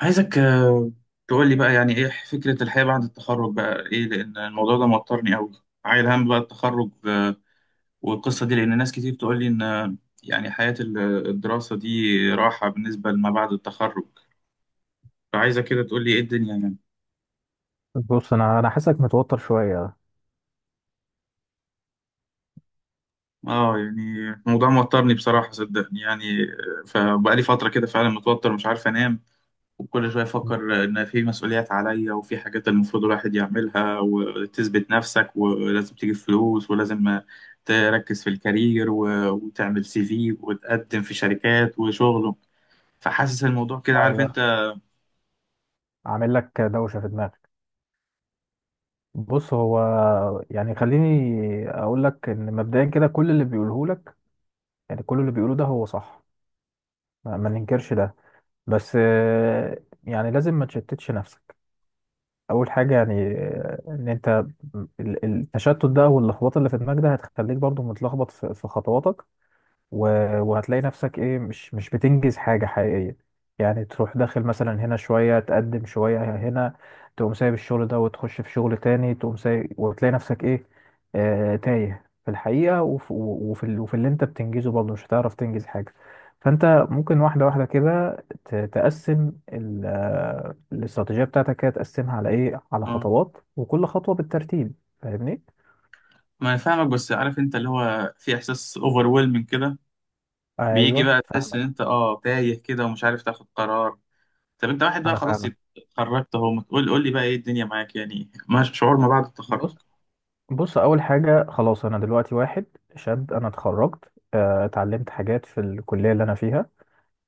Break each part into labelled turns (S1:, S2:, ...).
S1: عايزك تقول لي بقى يعني ايه فكرة الحياة بعد التخرج بقى ايه لان الموضوع ده موترني قوي. عايل هم بقى التخرج، والقصة دي لان ناس كتير تقول لي ان يعني حياة الدراسة دي راحة بالنسبة لما بعد التخرج، فعايزك كده تقول لي ايه الدنيا يعني.
S2: بص، انا حاسسك متوتر شويه.
S1: اه يعني الموضوع موترني بصراحة صدقني يعني، فبقى لي فترة كده فعلا متوتر مش عارف انام. وكل شوية أفكر إن في مسؤوليات عليا وفي حاجات المفروض الواحد يعملها وتثبت نفسك، ولازم تجيب فلوس، ولازم تركز في الكارير وتعمل سي في وتقدم في شركات وشغل. فحاسس الموضوع كده، عارف
S2: ايوه،
S1: أنت؟
S2: عامل لك دوشه في دماغك. بص، هو يعني خليني اقول لك ان مبدئيا كده كل اللي بيقوله لك يعني كل اللي بيقوله ده هو صح. ما ننكرش ده. بس يعني لازم ما تشتتش نفسك. اول حاجه، يعني ان انت التشتت ده واللخبطه اللي في دماغك ده هتخليك برضو متلخبط في خطواتك. وهتلاقي نفسك ايه، مش بتنجز حاجة حقيقية. يعني تروح داخل مثلا هنا شوية، تقدم شوية هنا، تقوم سايب الشغل ده وتخش في شغل تاني، تقوم سايب وتلاقي نفسك ايه، تايه في الحقيقة. وفي اللي انت بتنجزه برضه مش هتعرف تنجز حاجة. فانت ممكن واحدة واحدة كده تقسم الاستراتيجية بتاعتك، كده تقسمها على ايه، على
S1: آه،
S2: خطوات وكل خطوة بالترتيب. فاهمني؟
S1: ما أنا فاهمك، بس عارف أنت اللي هو في إحساس أوفرويلمنج كده، بيجي
S2: ايوه،
S1: بقى تحس إن
S2: فاهمك.
S1: أنت تايه كده ومش عارف تاخد قرار. طب أنت واحد بقى
S2: انا
S1: خلاص
S2: فاهمك.
S1: اتخرجت أهو، ما تقول قول لي بقى إيه الدنيا معاك يعني، ما شعور ما بعد التخرج.
S2: بص، بص، اول حاجه خلاص. انا دلوقتي واحد شاب، انا اتخرجت، اتعلمت حاجات في الكليه اللي انا فيها.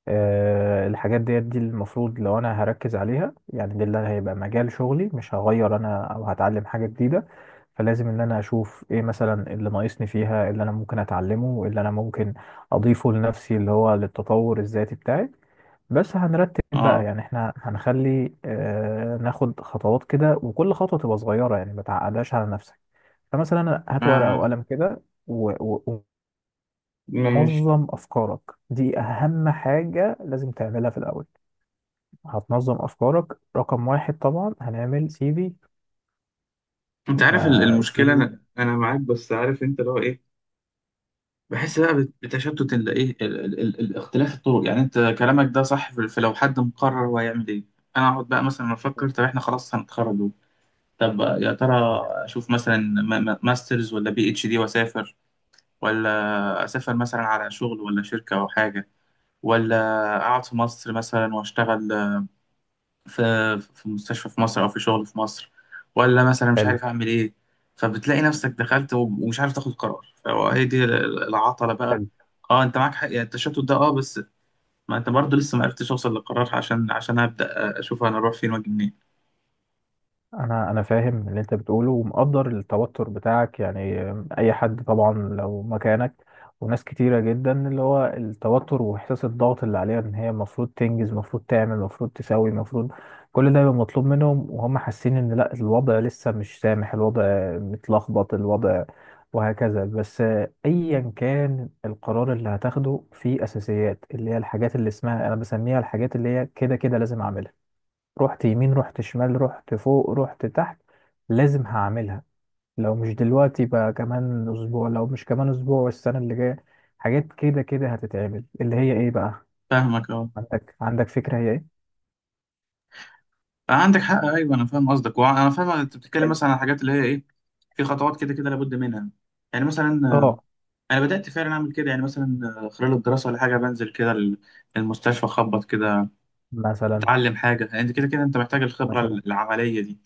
S2: الحاجات دي المفروض لو انا هركز عليها، يعني دي اللي هيبقى مجال شغلي، مش هغير انا او هتعلم حاجه جديده. فلازم ان انا اشوف ايه مثلا اللي ناقصني فيها، اللي انا ممكن اتعلمه، اللي انا ممكن اضيفه لنفسي اللي هو للتطور الذاتي بتاعي. بس هنرتب بقى،
S1: أه
S2: يعني احنا هنخلي ناخد خطوات كده، وكل خطوه تبقى صغيره، يعني ما تعقدهاش على نفسك. فمثلا هات ورقة
S1: ما-
S2: وقلم كده
S1: مش
S2: ومنظم أفكارك. دي أهم حاجة لازم تعملها في الأول. هتنظم أفكارك. رقم واحد، طبعا هنعمل CV.
S1: انت عارف
S2: فالسي
S1: المشكله،
S2: في
S1: انا معاك، بس عارف انت اللي هو ايه؟ بحس بقى بتشتت ال- ايه ال- ال- ال- الاختلاف الطرق. يعني انت كلامك ده صح في في لو حد مقرر هو هيعمل ايه. انا اقعد بقى مثلا افكر، طب احنا خلاص هنتخرج اهو. طب يا ترى اشوف مثلا ماسترز ولا بي اتش دي واسافر، ولا اسافر مثلا على شغل ولا شركه او حاجه، ولا اقعد في مصر مثلا واشتغل في في مستشفى في مصر او في شغل في مصر، ولا مثلا مش
S2: حلو.
S1: عارف اعمل ايه. فبتلاقي نفسك دخلت ومش عارف تاخد قرار، فهي دي العطلة بقى.
S2: حلو.
S1: اه انت معاك حق، يعني التشتت ده اه، بس ما انت برضه لسه ما عرفتش اوصل للقرار، عشان عشان ابدا اشوف انا اروح فين واجي منين.
S2: انا فاهم اللي انت بتقوله ومقدر التوتر بتاعك يعني. اي حد طبعا لو مكانك، وناس كتيرة جدا اللي هو التوتر واحساس الضغط اللي عليها ان هي المفروض تنجز، المفروض تعمل، المفروض تسوي، المفروض كل ده يبقى مطلوب منهم، وهم حاسين ان لا، الوضع لسه مش سامح، الوضع متلخبط، الوضع وهكذا. بس ايا كان القرار اللي هتاخده، فيه اساسيات، اللي هي الحاجات اللي اسمها انا بسميها الحاجات اللي هي كده كده لازم اعملها. رحت يمين، رحت شمال، رحت فوق، رحت تحت، لازم هعملها. لو مش دلوقتي بقى كمان اسبوع، لو مش كمان اسبوع والسنة اللي جاية. حاجات كده كده هتتعمل اللي هي ايه بقى؟
S1: فاهمك اه.
S2: عندك فكرة هي ايه؟
S1: عندك حق، ايوه انا فاهم قصدك، وانا فاهم انت بتتكلم مثلا عن الحاجات اللي هي ايه، في خطوات كده كده لابد منها. يعني مثلا،
S2: اه.
S1: انا بدات فعلا اعمل كده يعني. مثلا خلال الدراسه ولا حاجه بنزل كده المستشفى اخبط كده،
S2: مثلا.
S1: تتعلم حاجة. يعني انت كده كده انت محتاج الخبرة
S2: مثلا.
S1: العملية دي.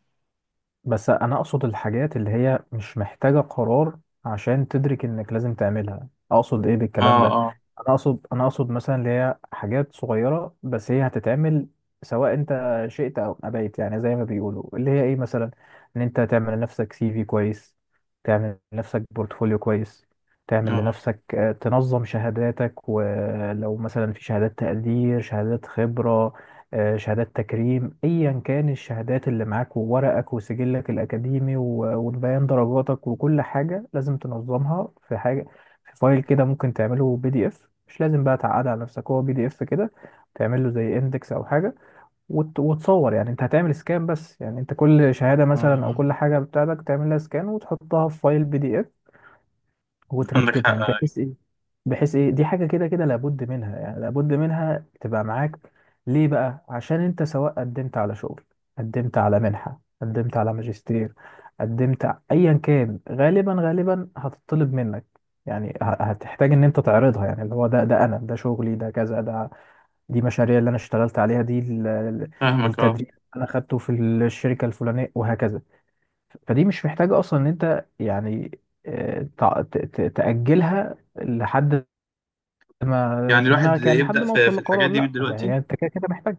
S2: بس انا اقصد الحاجات اللي هي مش محتاجة قرار عشان تدرك انك لازم تعملها. اقصد ايه بالكلام
S1: اه،
S2: ده؟
S1: اه،
S2: انا اقصد مثلا اللي هي حاجات صغيرة بس هي هتتعمل سواء انت شئت او ابيت. يعني زي ما بيقولوا، اللي هي ايه مثلا، ان انت تعمل لنفسك CV كويس، تعمل لنفسك بورتفوليو كويس، تعمل
S1: اه،
S2: لنفسك تنظم شهاداتك. ولو مثلا في شهادات تقدير، شهادات خبرة، شهادات تكريم، ايا كان الشهادات اللي معاك، وورقك وسجلك الاكاديمي وبيان درجاتك، وكل حاجه لازم تنظمها في حاجه، في فايل كده. ممكن تعمله PDF، مش لازم بقى تعقد على نفسك، هو PDF كده. تعمل له زي اندكس او حاجه. وتصور، يعني انت هتعمل سكان، بس يعني انت كل شهاده
S1: اه،
S2: مثلا او
S1: آه.
S2: كل حاجه بتاعتك تعمل لها سكان وتحطها في فايل PDF،
S1: عندك حق.
S2: وترتبهم بحيث ايه. بحيث ايه، دي حاجه كده كده لابد منها، يعني لابد منها تبقى معاك. ليه بقى؟ عشان انت سواء قدمت على شغل، قدمت على منحه، قدمت على ماجستير، قدمت ايا كان، غالبا هتطلب منك. يعني هتحتاج ان انت تعرضها. يعني اللي هو ده انا، ده شغلي، ده كذا، ده دي مشاريع اللي انا اشتغلت عليها، دي
S1: فاهمك اه.
S2: التدريب اللي انا خدته في الشركه الفلانيه وهكذا. فدي مش محتاجة أصلا إن أنت يعني تأجلها لحد ما
S1: يعني
S2: في
S1: الواحد
S2: دماغك، يعني لحد
S1: يبدأ
S2: ما أوصل
S1: في
S2: لقرار.
S1: الحاجات دي من
S2: لأ،
S1: دلوقتي.
S2: يعني أنت كده كده محتاج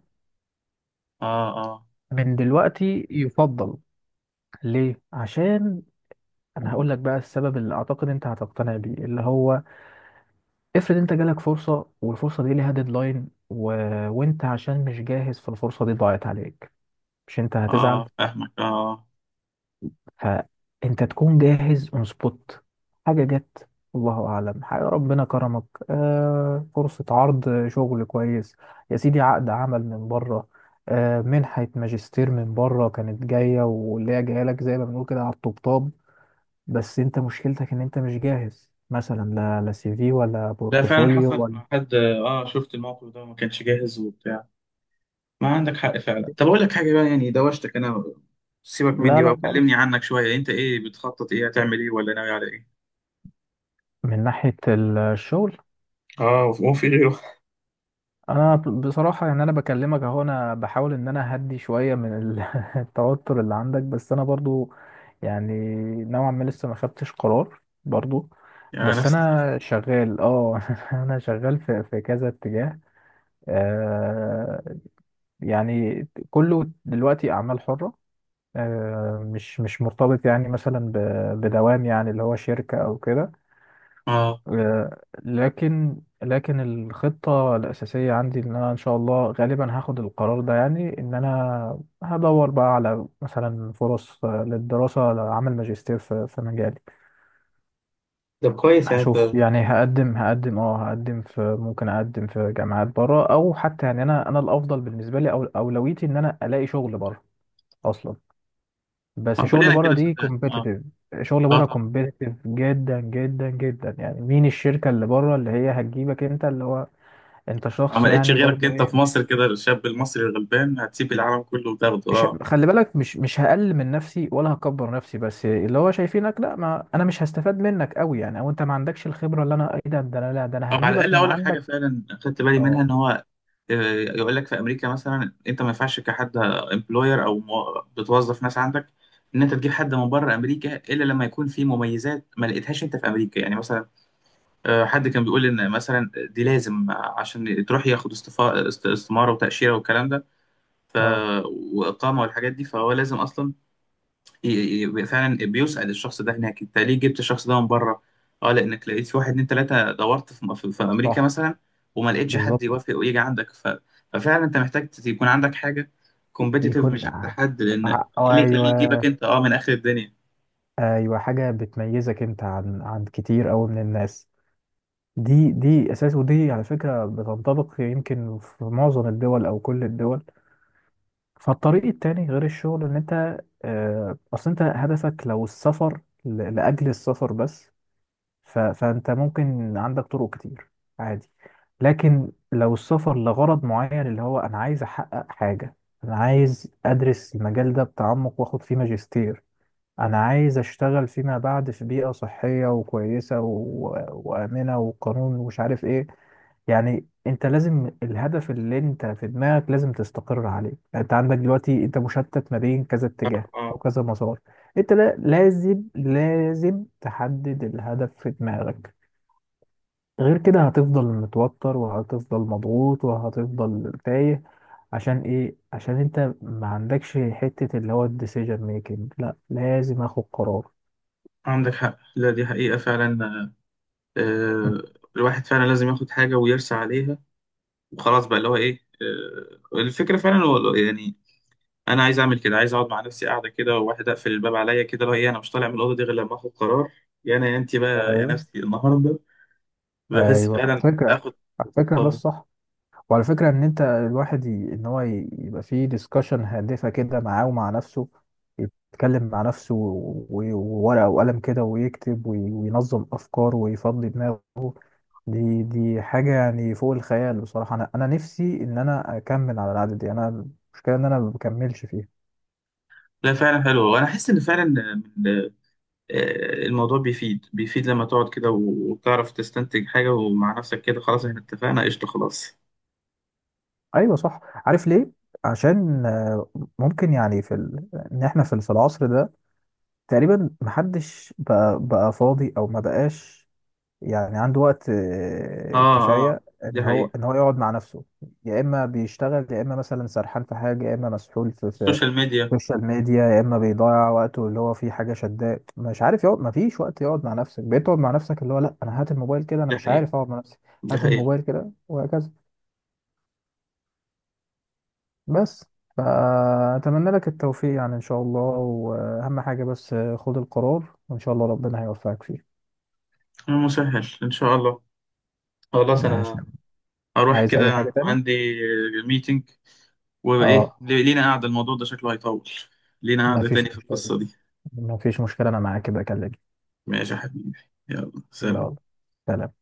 S1: اه، اه،
S2: من دلوقتي يفضل. ليه؟ عشان أنا هقول لك بقى السبب اللي أعتقد أنت هتقتنع بيه، اللي هو افرض أنت جالك فرصة، والفرصة دي ليها ديدلاين، وأنت عشان مش جاهز، فالفرصة دي ضاعت عليك. مش أنت هتزعل؟
S1: اه، فاهمك اه آه.
S2: فانت تكون جاهز اون سبوت. حاجه جت، الله اعلم، حاجه ربنا كرمك، فرصه عرض شغل كويس، يا سيدي عقد عمل من بره، منحه ماجستير من بره كانت جايه، واللي هي جايه لك زي ما بنقول كده على الطبطاب. بس انت مشكلتك ان انت مش جاهز، مثلا لا، لا CV ولا
S1: لا فعلا
S2: بورتفوليو
S1: حصلت
S2: ولا
S1: مع حد، اه شفت الموقف ده وما كانش جاهز وبتاع. ما عندك حق فعلا. طب اقول لك حاجة بقى، يعني دوشتك انا، سيبك
S2: لا،
S1: مني بقى
S2: لا
S1: وكلمني
S2: خالص.
S1: عنك شوية. انت ايه بتخطط، ايه هتعمل، ايه ولا ناوي على ايه؟
S2: من ناحيه الشغل
S1: اه هو في غيره؟
S2: انا بصراحه يعني انا بكلمك اهو، انا بحاول ان انا اهدي شويه من التوتر اللي عندك. بس انا برضو يعني نوعا ما لسه ما خدتش قرار برضو.
S1: يعني
S2: بس
S1: نفس القصة.
S2: انا شغال اه انا شغال في كذا اتجاه. آه، يعني كله دلوقتي اعمال حره. مش مرتبط يعني مثلا بدوام يعني اللي هو شركه او كده.
S1: اه
S2: لكن الخطة الأساسية عندي إن أنا إن شاء الله غالبا هاخد القرار ده. يعني إن أنا هدور بقى على مثلا فرص للدراسة، لعمل ماجستير في مجالي.
S1: طب كويس يعني
S2: هشوف،
S1: انت.
S2: يعني هقدم هقدم اه هقدم في ممكن أقدم في جامعات بره، أو حتى يعني أنا الأفضل بالنسبة لي أو أولويتي إن أنا ألاقي شغل بره أصلا. بس شغل
S1: كلنا
S2: بره
S1: كده
S2: دي
S1: صدقني اه.
S2: كومبيتيتيف. شغل
S1: اه
S2: بره
S1: طبعا.
S2: كومبيتيتيف جدا جدا جدا. يعني مين الشركة اللي بره اللي هي هتجيبك أنت، اللي هو انت
S1: اه
S2: شخص
S1: ما لقيتش
S2: يعني
S1: غيرك
S2: برضه
S1: انت في
S2: ايه،
S1: مصر كده، الشاب المصري الغلبان هتسيب العالم كله وتاخده
S2: مش
S1: اه.
S2: خلي بالك، مش هقلل من نفسي ولا هكبر نفسي، بس اللي هو شايفينك، لا، ما انا مش هستفاد منك قوي يعني، او انت ما عندكش الخبره، اللي انا ايه، ده انا، لا، ده
S1: او
S2: انا
S1: على
S2: هجيبك
S1: الاقل
S2: من
S1: اقول لك حاجه
S2: عندك.
S1: فعلا خدت بالي منها،
S2: اه،
S1: ان هو يقول لك في امريكا مثلا انت ما ينفعش كحد امبلوير او بتوظف ناس عندك، ان انت تجيب حد من بره امريكا الا لما يكون في مميزات ما لقيتهاش انت في امريكا. يعني مثلا حد كان بيقول ان مثلا دي لازم عشان تروح ياخد استماره وتاشيره والكلام ده، ف...
S2: اه،
S1: واقامه والحاجات دي. فهو لازم اصلا يبقى فعلا بيسأل الشخص ده هناك انت ليه جبت الشخص ده من بره. اه لانك لقيت في واحد اتنين تلاته، دورت في امريكا
S2: صح،
S1: مثلا وما لقيتش حد
S2: بالظبط،
S1: يوافق ويجي عندك ف... ففعلا انت محتاج يكون عندك حاجه كومبيتيتيف
S2: يكون
S1: مش عند حد، لان ايه اللي يخليه
S2: ايوه.
S1: يجيبك انت اه من اخر الدنيا.
S2: ايوه، حاجه بتميزك انت عن كتير قوي من الناس. دي اساس، ودي على فكره بتنطبق يمكن في معظم الدول او كل الدول. فالطريق التاني غير الشغل ان انت اصل انت هدفك لو السفر لاجل السفر بس، فانت ممكن عندك طرق كتير. عادي. لكن لو السفر لغرض معين، اللي هو انا عايز احقق حاجة، انا عايز ادرس المجال ده بتعمق واخد فيه ماجستير، انا عايز اشتغل فيما بعد في بيئة صحية وكويسة وآمنة وقانون، ومش عارف ايه. يعني انت لازم الهدف اللي انت في دماغك لازم تستقر عليه. يعني انت عندك دلوقتي انت مشتت ما بين كذا اتجاه او
S1: اه
S2: كذا مسار. انت، لا، لازم لازم تحدد الهدف في دماغك. غير كده هتفضل متوتر وهتفضل مضغوط وهتفضل تايه. عشان ايه؟ عشان انت ما عندكش حتة اللي هو الديسيجن ميكنج. لا، لازم اخد قرار.
S1: عندك حق، لا دي حقيقه فعلا. آه، الواحد فعلا لازم ياخد حاجه ويرسى عليها وخلاص بقى، اللي هو ايه. آه الفكره فعلا يعني انا عايز اعمل كده، عايز اقعد مع نفسي قاعده كده وواحد، اقفل الباب عليا كده لو ايه، انا مش طالع من الاوضه دي غير لما اخد قرار. يا انا يا انت بقى يا
S2: ايوه،
S1: نفسي النهارده. بحس
S2: ايوه، على
S1: فعلا
S2: فكره،
S1: اخد،
S2: على فكره ده
S1: آه،
S2: الصح. وعلى فكره ان انت الواحد ان هو يبقى فيه ديسكشن هادفه كده معاه ومع نفسه، يتكلم مع نفسه وورقه وقلم كده ويكتب وينظم افكاره ويفضي دماغه. دي حاجه يعني فوق الخيال بصراحه. انا نفسي ان انا اكمل على العاده دي. انا المشكله ان انا ما بكملش فيها.
S1: لا فعلا حلو. وانا احس ان فعلا من- الموضوع بيفيد، بيفيد لما تقعد كده وتعرف تستنتج حاجه ومع نفسك كده. خلاص احنا
S2: مم.
S1: اتفقنا، قشطه خلاص.
S2: ايوه، صح. عارف ليه؟ عشان ممكن يعني ان احنا في العصر ده تقريبا محدش بقى فاضي، او ما بقاش يعني عنده وقت
S1: اه،
S2: كفاية
S1: اه دي
S2: ان هو
S1: حقيقه.
S2: ان هو يقعد مع نفسه. يا اما بيشتغل، يا اما مثلا سرحان في حاجة، يا اما مسحول في
S1: السوشيال ميديا.
S2: السوشيال ميديا، يا اما بيضيع وقته اللي هو في حاجة شداه، مش عارف يقعد. ما فيش وقت يقعد مع نفسك. بتقعد مع نفسك اللي هو لا، انا هات الموبايل كده، انا
S1: دي
S2: مش
S1: حقيقه،
S2: عارف اقعد مع نفسي.
S1: دي
S2: هات
S1: حقيقه.
S2: الموبايل كده وهكذا. بس فأتمنى لك التوفيق يعني إن شاء الله، وأهم حاجة بس خد القرار، وإن شاء الله ربنا هيوفقك فيه.
S1: مسهل ان شاء الله. خلاص
S2: ماشي.
S1: انا هروح
S2: عايز اي حاجة
S1: كده،
S2: تانية؟
S1: عندي ميتنج. وايه
S2: اه.
S1: لينا قاعده، الموضوع ده شكله هيطول. لينا قاعده
S2: مفيش
S1: تاني في
S2: مشكلة،
S1: القصه دي.
S2: مفيش مشكلة، انا معاك كده اكلمك.
S1: ماشي يا حبيبي، يلا سلام.
S2: يلا، سلام.